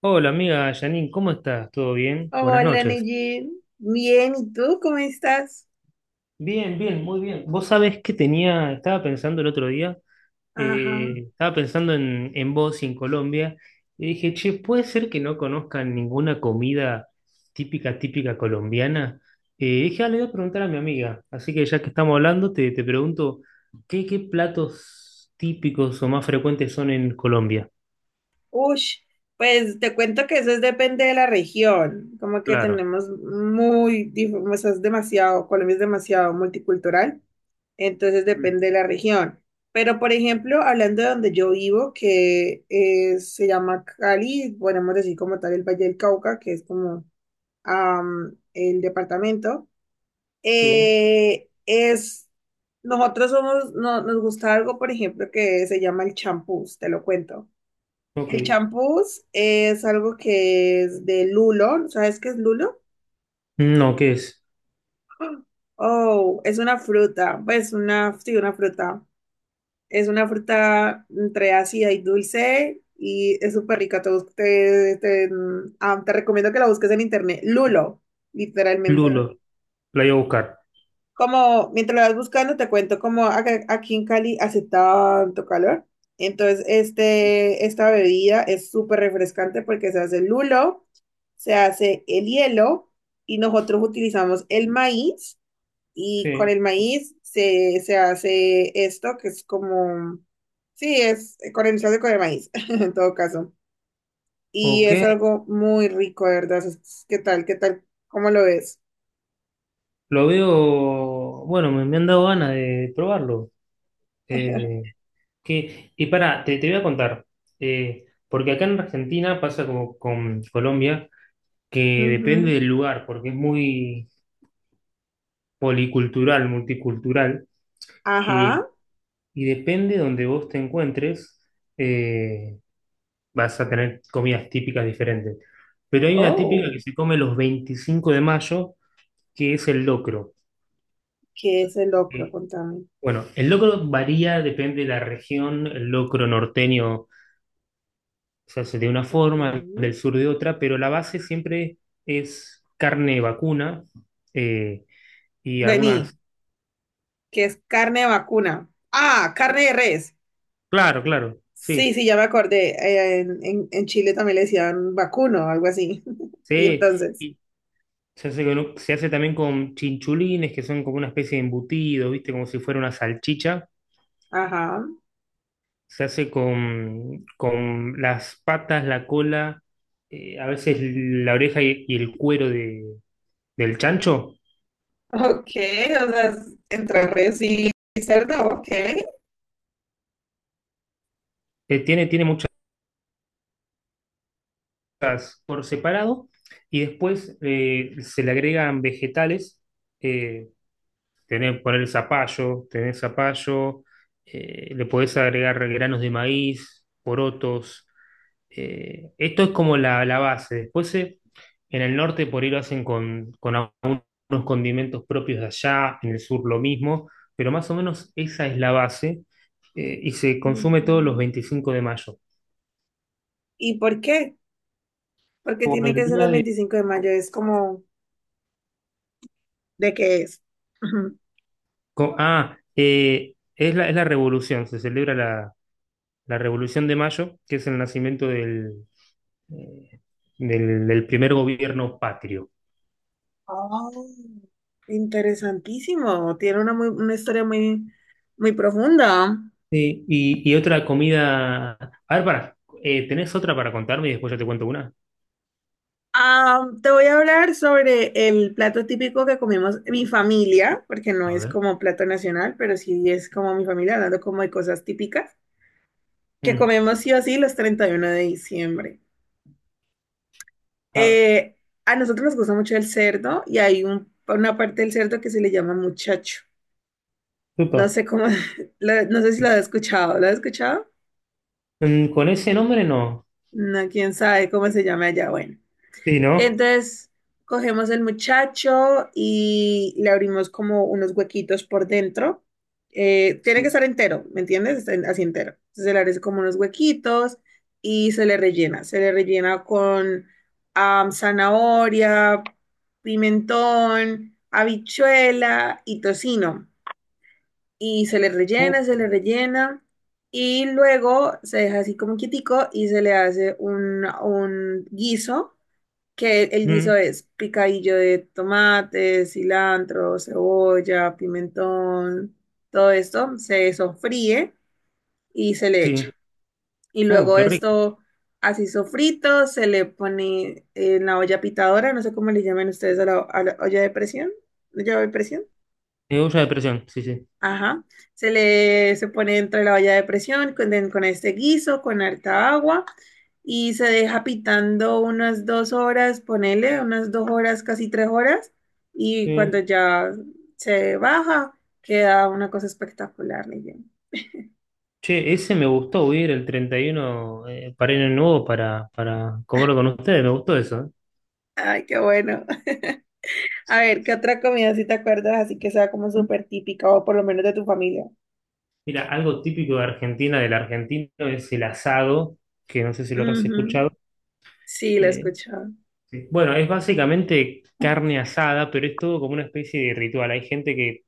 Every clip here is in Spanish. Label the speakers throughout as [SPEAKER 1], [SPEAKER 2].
[SPEAKER 1] Hola amiga Janine, ¿cómo estás? ¿Todo bien? Buenas
[SPEAKER 2] Hola,
[SPEAKER 1] noches.
[SPEAKER 2] Neji. Bien, ¿y tú cómo estás?
[SPEAKER 1] Bien, bien, muy bien. Vos sabés que tenía, estaba pensando el otro día,
[SPEAKER 2] Ajá.
[SPEAKER 1] estaba pensando en vos y en Colombia, y dije, che, ¿puede ser que no conozcan ninguna comida típica, típica colombiana? Dije, ah, le voy a preguntar a mi amiga, así que ya que estamos hablando, te pregunto, qué platos típicos o más frecuentes son en Colombia?
[SPEAKER 2] Ush, pues te cuento que eso es- depende de la región. Como que
[SPEAKER 1] Claro.
[SPEAKER 2] tenemos muy, o sea, es demasiado, Colombia es demasiado multicultural, entonces
[SPEAKER 1] Mm.
[SPEAKER 2] depende de la región. Pero, por ejemplo, hablando de donde yo vivo, que se llama Cali, podemos decir como tal el Valle del Cauca, que es como el departamento.
[SPEAKER 1] Sí,
[SPEAKER 2] eh, es, Nosotros somos, nos gusta algo, por ejemplo, que se llama el champús, te lo cuento.
[SPEAKER 1] ok.
[SPEAKER 2] El champús es algo que es de lulo, ¿sabes qué es lulo?
[SPEAKER 1] No, ¿qué es?
[SPEAKER 2] Oh, es una fruta, pues una, sí, una fruta. Es una fruta entre ácida y dulce y es súper rica. Te, bus- te- mm, ah, Te recomiendo que la busques en internet. Lulo, literalmente.
[SPEAKER 1] Lulo, la voy a buscar.
[SPEAKER 2] Como mientras lo vas buscando, te cuento como aquí en Cali hace tanto calor. Entonces, esta bebida es súper refrescante porque se hace el lulo, se hace el hielo y nosotros utilizamos el maíz y con
[SPEAKER 1] Sí.
[SPEAKER 2] el maíz se hace esto que es como, sí, es se hace con el maíz en todo caso. Y
[SPEAKER 1] Ok,
[SPEAKER 2] es algo muy rico, de verdad. Es- ¿Qué tal? ¿Qué tal? ¿Cómo lo ves?
[SPEAKER 1] lo veo, bueno, me han dado ganas de probarlo. Eh, que, y pará, te voy a contar, porque acá en Argentina pasa como con Colombia, que
[SPEAKER 2] Ujú.
[SPEAKER 1] depende del lugar, porque es muy policultural, multicultural, eh,
[SPEAKER 2] Ajá.
[SPEAKER 1] y depende donde vos te encuentres, eh, vas a tener comidas típicas diferentes. Pero hay una típica que
[SPEAKER 2] Oh.
[SPEAKER 1] se come los 25 de mayo, que es el locro.
[SPEAKER 2] ¿Qué es el locro? Contame.
[SPEAKER 1] Bueno, el locro varía, depende de la región. El locro norteño se hace de una
[SPEAKER 2] Ok.
[SPEAKER 1] forma, el del sur de otra, pero la base siempre es carne vacuna eh, y
[SPEAKER 2] Vení,
[SPEAKER 1] algunas.
[SPEAKER 2] que es carne de vacuna. Ah, carne de res.
[SPEAKER 1] Claro, claro,
[SPEAKER 2] Sí,
[SPEAKER 1] sí.
[SPEAKER 2] sí, ya me acordé. En Chile también le decían vacuno, algo así. Y
[SPEAKER 1] Sí,
[SPEAKER 2] entonces,
[SPEAKER 1] y se hace, se hace también con chinchulines, que son como una especie de embutido, ¿viste? Como si fuera una salchicha.
[SPEAKER 2] ajá.
[SPEAKER 1] Se hace con las patas, la cola, a veces la oreja y el cuero del chancho.
[SPEAKER 2] Ok, o sea, es entre res y cerdo, ok.
[SPEAKER 1] Tiene por separado y después se le agregan vegetales. Eh, tenés zapallo, le podés agregar granos de maíz, porotos. Esto es como la base. Después en el norte por ahí lo hacen con algunos condimentos propios de allá, en el sur lo mismo, pero más o menos esa es la base y se consume todos los
[SPEAKER 2] Ujú.
[SPEAKER 1] 25 de mayo.
[SPEAKER 2] ¿Y por qué? Porque
[SPEAKER 1] Por
[SPEAKER 2] tiene
[SPEAKER 1] el
[SPEAKER 2] que ser
[SPEAKER 1] día
[SPEAKER 2] los
[SPEAKER 1] de
[SPEAKER 2] 25 de mayo, es como, ¿de qué es?
[SPEAKER 1] Es es la revolución, se celebra la Revolución de Mayo, que es el nacimiento eh, del primer gobierno patrio.
[SPEAKER 2] Oh, interesantísimo. Tiene una, una historia muy, muy profunda.
[SPEAKER 1] Sí, y otra comida. A ver, para, ¿tenés otra para contarme y después yo te cuento una?
[SPEAKER 2] Ah, te voy a hablar sobre el plato típico que comemos mi familia, porque no
[SPEAKER 1] A
[SPEAKER 2] es
[SPEAKER 1] ver.
[SPEAKER 2] como plato nacional, pero sí es como mi familia, hablando como de cosas típicas, que
[SPEAKER 1] Mm.
[SPEAKER 2] comemos sí o sí los 31 de diciembre.
[SPEAKER 1] A ver,
[SPEAKER 2] Eh, a nosotros nos gusta mucho el cerdo y hay una parte del cerdo que se le llama muchacho. No
[SPEAKER 1] upa.
[SPEAKER 2] sé cómo, no sé si lo has escuchado. ¿Lo has escuchado?
[SPEAKER 1] Mm, con ese nombre no.
[SPEAKER 2] No, quién sabe cómo se llama allá. Bueno.
[SPEAKER 1] Sí, ¿no?
[SPEAKER 2] Entonces cogemos el muchacho y le abrimos como unos huequitos por dentro. Tiene que
[SPEAKER 1] Sí.
[SPEAKER 2] estar entero, ¿me entiendes? Está En- Así entero. Entonces se le hace como unos huequitos y se le rellena. Se le rellena con zanahoria, pimentón, habichuela y tocino. Y se le
[SPEAKER 1] Uh,
[SPEAKER 2] rellena, se le rellena. Y luego se deja así como quietico y se le hace un guiso que el guiso
[SPEAKER 1] mm,
[SPEAKER 2] es picadillo de tomate, cilantro, cebolla, pimentón, todo esto se sofríe y se le echa.
[SPEAKER 1] sí.
[SPEAKER 2] Y luego
[SPEAKER 1] Qué rico.
[SPEAKER 2] esto así sofrito se le pone en la olla pitadora, no sé cómo le llaman ustedes a a la olla de presión, olla de presión.
[SPEAKER 1] Olla de presión, sí, sí.
[SPEAKER 2] Ajá. Se pone dentro de la olla de presión con este guiso, con harta agua y se deja pitando unas 2 horas, ponele unas 2 horas, casi 3 horas. Y cuando
[SPEAKER 1] Sí.
[SPEAKER 2] ya se baja, queda una cosa espectacular, Neyen.
[SPEAKER 1] Che, ese me gustó, voy a ir el 31 para ir nuevo para comerlo con ustedes, me gustó eso.
[SPEAKER 2] Ay, qué bueno. A ver, ¿qué otra comida si te acuerdas así que sea como súper típica o por lo menos de tu familia?
[SPEAKER 1] Mira, algo típico de Argentina, del argentino, es el asado, que no sé si lo habrás
[SPEAKER 2] Ujú.
[SPEAKER 1] escuchado.
[SPEAKER 2] Sí, la he
[SPEAKER 1] Eh,
[SPEAKER 2] escuchado.
[SPEAKER 1] sí. Bueno, es básicamente carne asada, pero es todo como una especie de ritual. Hay gente que,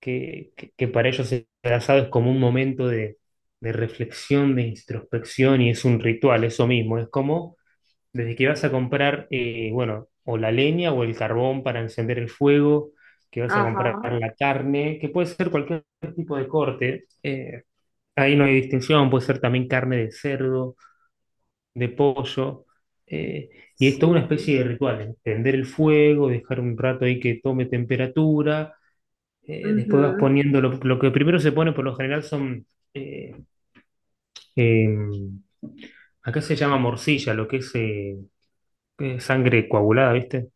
[SPEAKER 1] que, que- que para ellos el asado es como un momento de reflexión, de introspección, y es un ritual, eso mismo, es como desde que vas a comprar, bueno, o la leña o el carbón para encender el fuego, que vas a comprar
[SPEAKER 2] Ajá.
[SPEAKER 1] la carne, que puede ser cualquier tipo de corte. Ahí no hay distinción, puede ser también carne de cerdo, de pollo. eh, y es toda una
[SPEAKER 2] Sí.
[SPEAKER 1] especie de ritual, encender el fuego, dejar un rato ahí que tome temperatura. Después vas
[SPEAKER 2] Ujú.
[SPEAKER 1] poniendo, lo que primero se pone por lo general son, eh, em, acá se llama morcilla, lo que es sangre coagulada, ¿viste?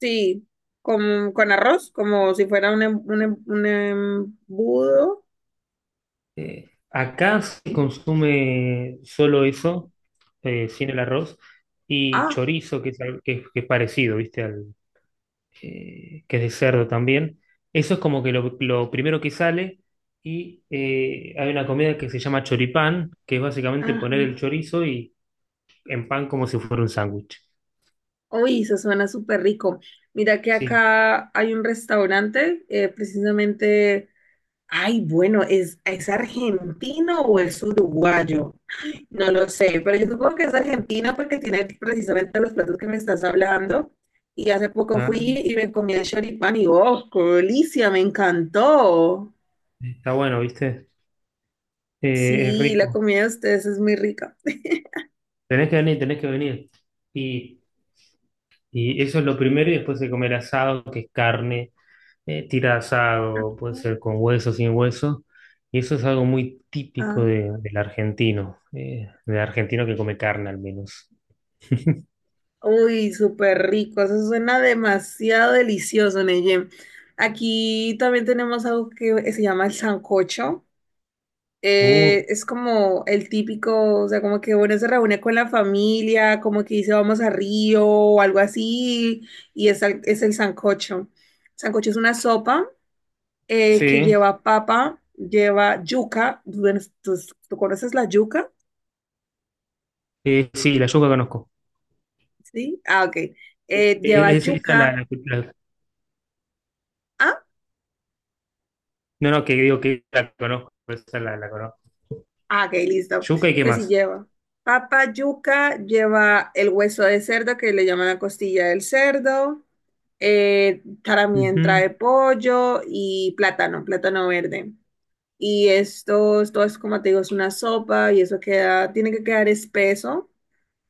[SPEAKER 2] Sí, con arroz, como si fuera un embudo.
[SPEAKER 1] Acá se consume solo eso, sin el arroz, y
[SPEAKER 2] Ah,
[SPEAKER 1] chorizo, que es parecido, ¿viste? Al, que es de cerdo también. Eso es como que lo primero que sale. Y hay una comida que se llama choripán, que es básicamente
[SPEAKER 2] ajá.
[SPEAKER 1] poner el chorizo y en pan como si fuera un sándwich.
[SPEAKER 2] Uy, eso suena súper rico. Mira que
[SPEAKER 1] Sí,
[SPEAKER 2] acá hay un restaurante, precisamente, ay, bueno, ¿es argentino o es uruguayo? No lo sé, pero yo supongo que es argentino porque tiene precisamente los platos que me estás hablando. Y hace poco fui
[SPEAKER 1] ah,
[SPEAKER 2] y me comí el choripán y, oh, qué delicia, me encantó.
[SPEAKER 1] está bueno, ¿viste? Es
[SPEAKER 2] Sí, la
[SPEAKER 1] rico.
[SPEAKER 2] comida de ustedes es muy rica.
[SPEAKER 1] Tenés que venir, tenés que venir. Y, y eso es lo primero, y después se come el asado, que es carne tira asado, puede ser con hueso, sin hueso, y eso es algo muy típico
[SPEAKER 2] Ah,
[SPEAKER 1] del argentino que come carne al menos.
[SPEAKER 2] uy, súper rico, eso suena demasiado delicioso, Neyen. Aquí también tenemos algo que se llama el sancocho.
[SPEAKER 1] Uh,
[SPEAKER 2] Es como el típico, o sea, como que uno se reúne con la familia, como que dice vamos a Río o algo así, y es, es el sancocho. Sancocho es una sopa que
[SPEAKER 1] sí,
[SPEAKER 2] lleva papa, lleva yuca. Bueno, ¿Tú, tú conoces la yuca?
[SPEAKER 1] sí, la yuca conozco.
[SPEAKER 2] Sí. Ah, ok. Lleva
[SPEAKER 1] Es- esa la,
[SPEAKER 2] yuca.
[SPEAKER 1] la- la-
[SPEAKER 2] Ah,
[SPEAKER 1] no, no, que digo que la conozco, esa la conozco.
[SPEAKER 2] Ah, ok, listo.
[SPEAKER 1] Yuca y qué
[SPEAKER 2] Entonces sí
[SPEAKER 1] más.
[SPEAKER 2] lleva papa, yuca, lleva el hueso de cerdo que le llaman la costilla del cerdo, también
[SPEAKER 1] Ujú.
[SPEAKER 2] trae pollo y plátano, plátano verde. Y esto es como te digo, es una sopa y eso queda, tiene que quedar espeso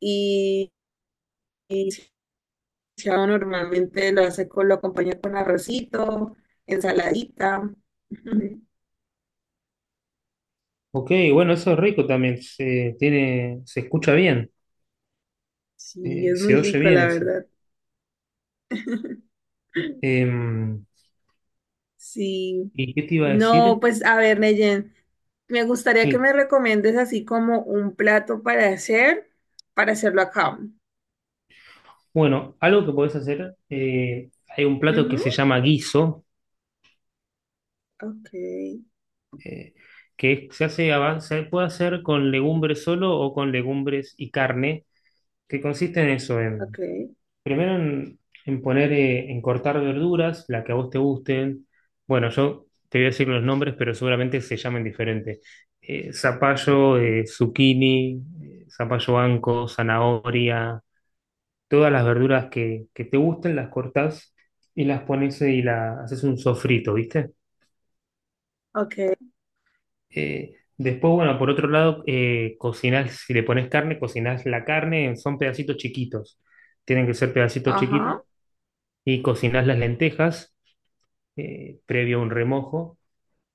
[SPEAKER 2] y, y chao, normalmente lo hace con, lo acompaña con arrocito, ensaladita.
[SPEAKER 1] Ok, bueno, eso es rico también, se, tiene, se escucha bien,
[SPEAKER 2] Sí, es muy
[SPEAKER 1] se oye
[SPEAKER 2] rico,
[SPEAKER 1] bien
[SPEAKER 2] la
[SPEAKER 1] eso.
[SPEAKER 2] verdad.
[SPEAKER 1] Em,
[SPEAKER 2] Sí.
[SPEAKER 1] ¿y qué te iba a
[SPEAKER 2] No,
[SPEAKER 1] decir?
[SPEAKER 2] pues a ver, Neyen, me gustaría que
[SPEAKER 1] Sí.
[SPEAKER 2] me recomiendes así como un plato para hacer, para hacerlo acá.
[SPEAKER 1] Bueno, algo que podés hacer, hay un plato que se
[SPEAKER 2] Ujú,
[SPEAKER 1] llama guiso,
[SPEAKER 2] ok,
[SPEAKER 1] eh, se hace, se puede hacer con legumbres solo o con legumbres y carne, que consiste en eso,
[SPEAKER 2] ok,
[SPEAKER 1] primero en poner, en cortar verduras, la que a vos te gusten. Bueno, yo te voy a decir los nombres, pero seguramente se llamen diferente. Zapallo, zucchini, zapallo anco, zanahoria. Todas las verduras que te gusten, las cortás y las pones y la, haces un sofrito, ¿viste?
[SPEAKER 2] ok.
[SPEAKER 1] Después, bueno, por otro lado, cocinás, si le pones carne, cocinás la carne, son pedacitos chiquitos, tienen que ser pedacitos chiquitos,
[SPEAKER 2] Ajá.
[SPEAKER 1] y cocinás las lentejas previo a un remojo,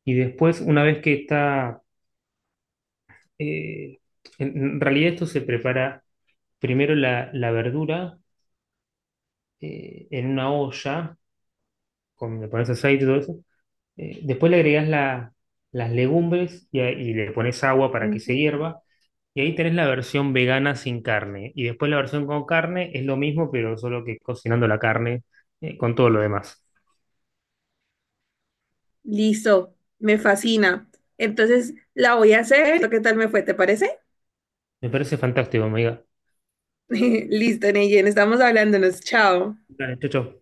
[SPEAKER 1] y después, una vez que está, eh, en realidad esto se prepara primero la verdura en una olla, con, le pones aceite y todo eso, eh, después le agregas las legumbres y, y le pones agua para que se
[SPEAKER 2] Ujú.
[SPEAKER 1] hierva. Y ahí tenés la versión vegana sin carne. Y después la versión con carne es lo mismo, pero solo que cocinando la carne con todo lo demás.
[SPEAKER 2] Listo, me fascina. Entonces, la voy a hacer. ¿Qué tal me fue? ¿Te parece?
[SPEAKER 1] Me parece fantástico, amiga.
[SPEAKER 2] Listo, Neyen, estamos hablándonos. Chao.
[SPEAKER 1] Dale, chau, chau.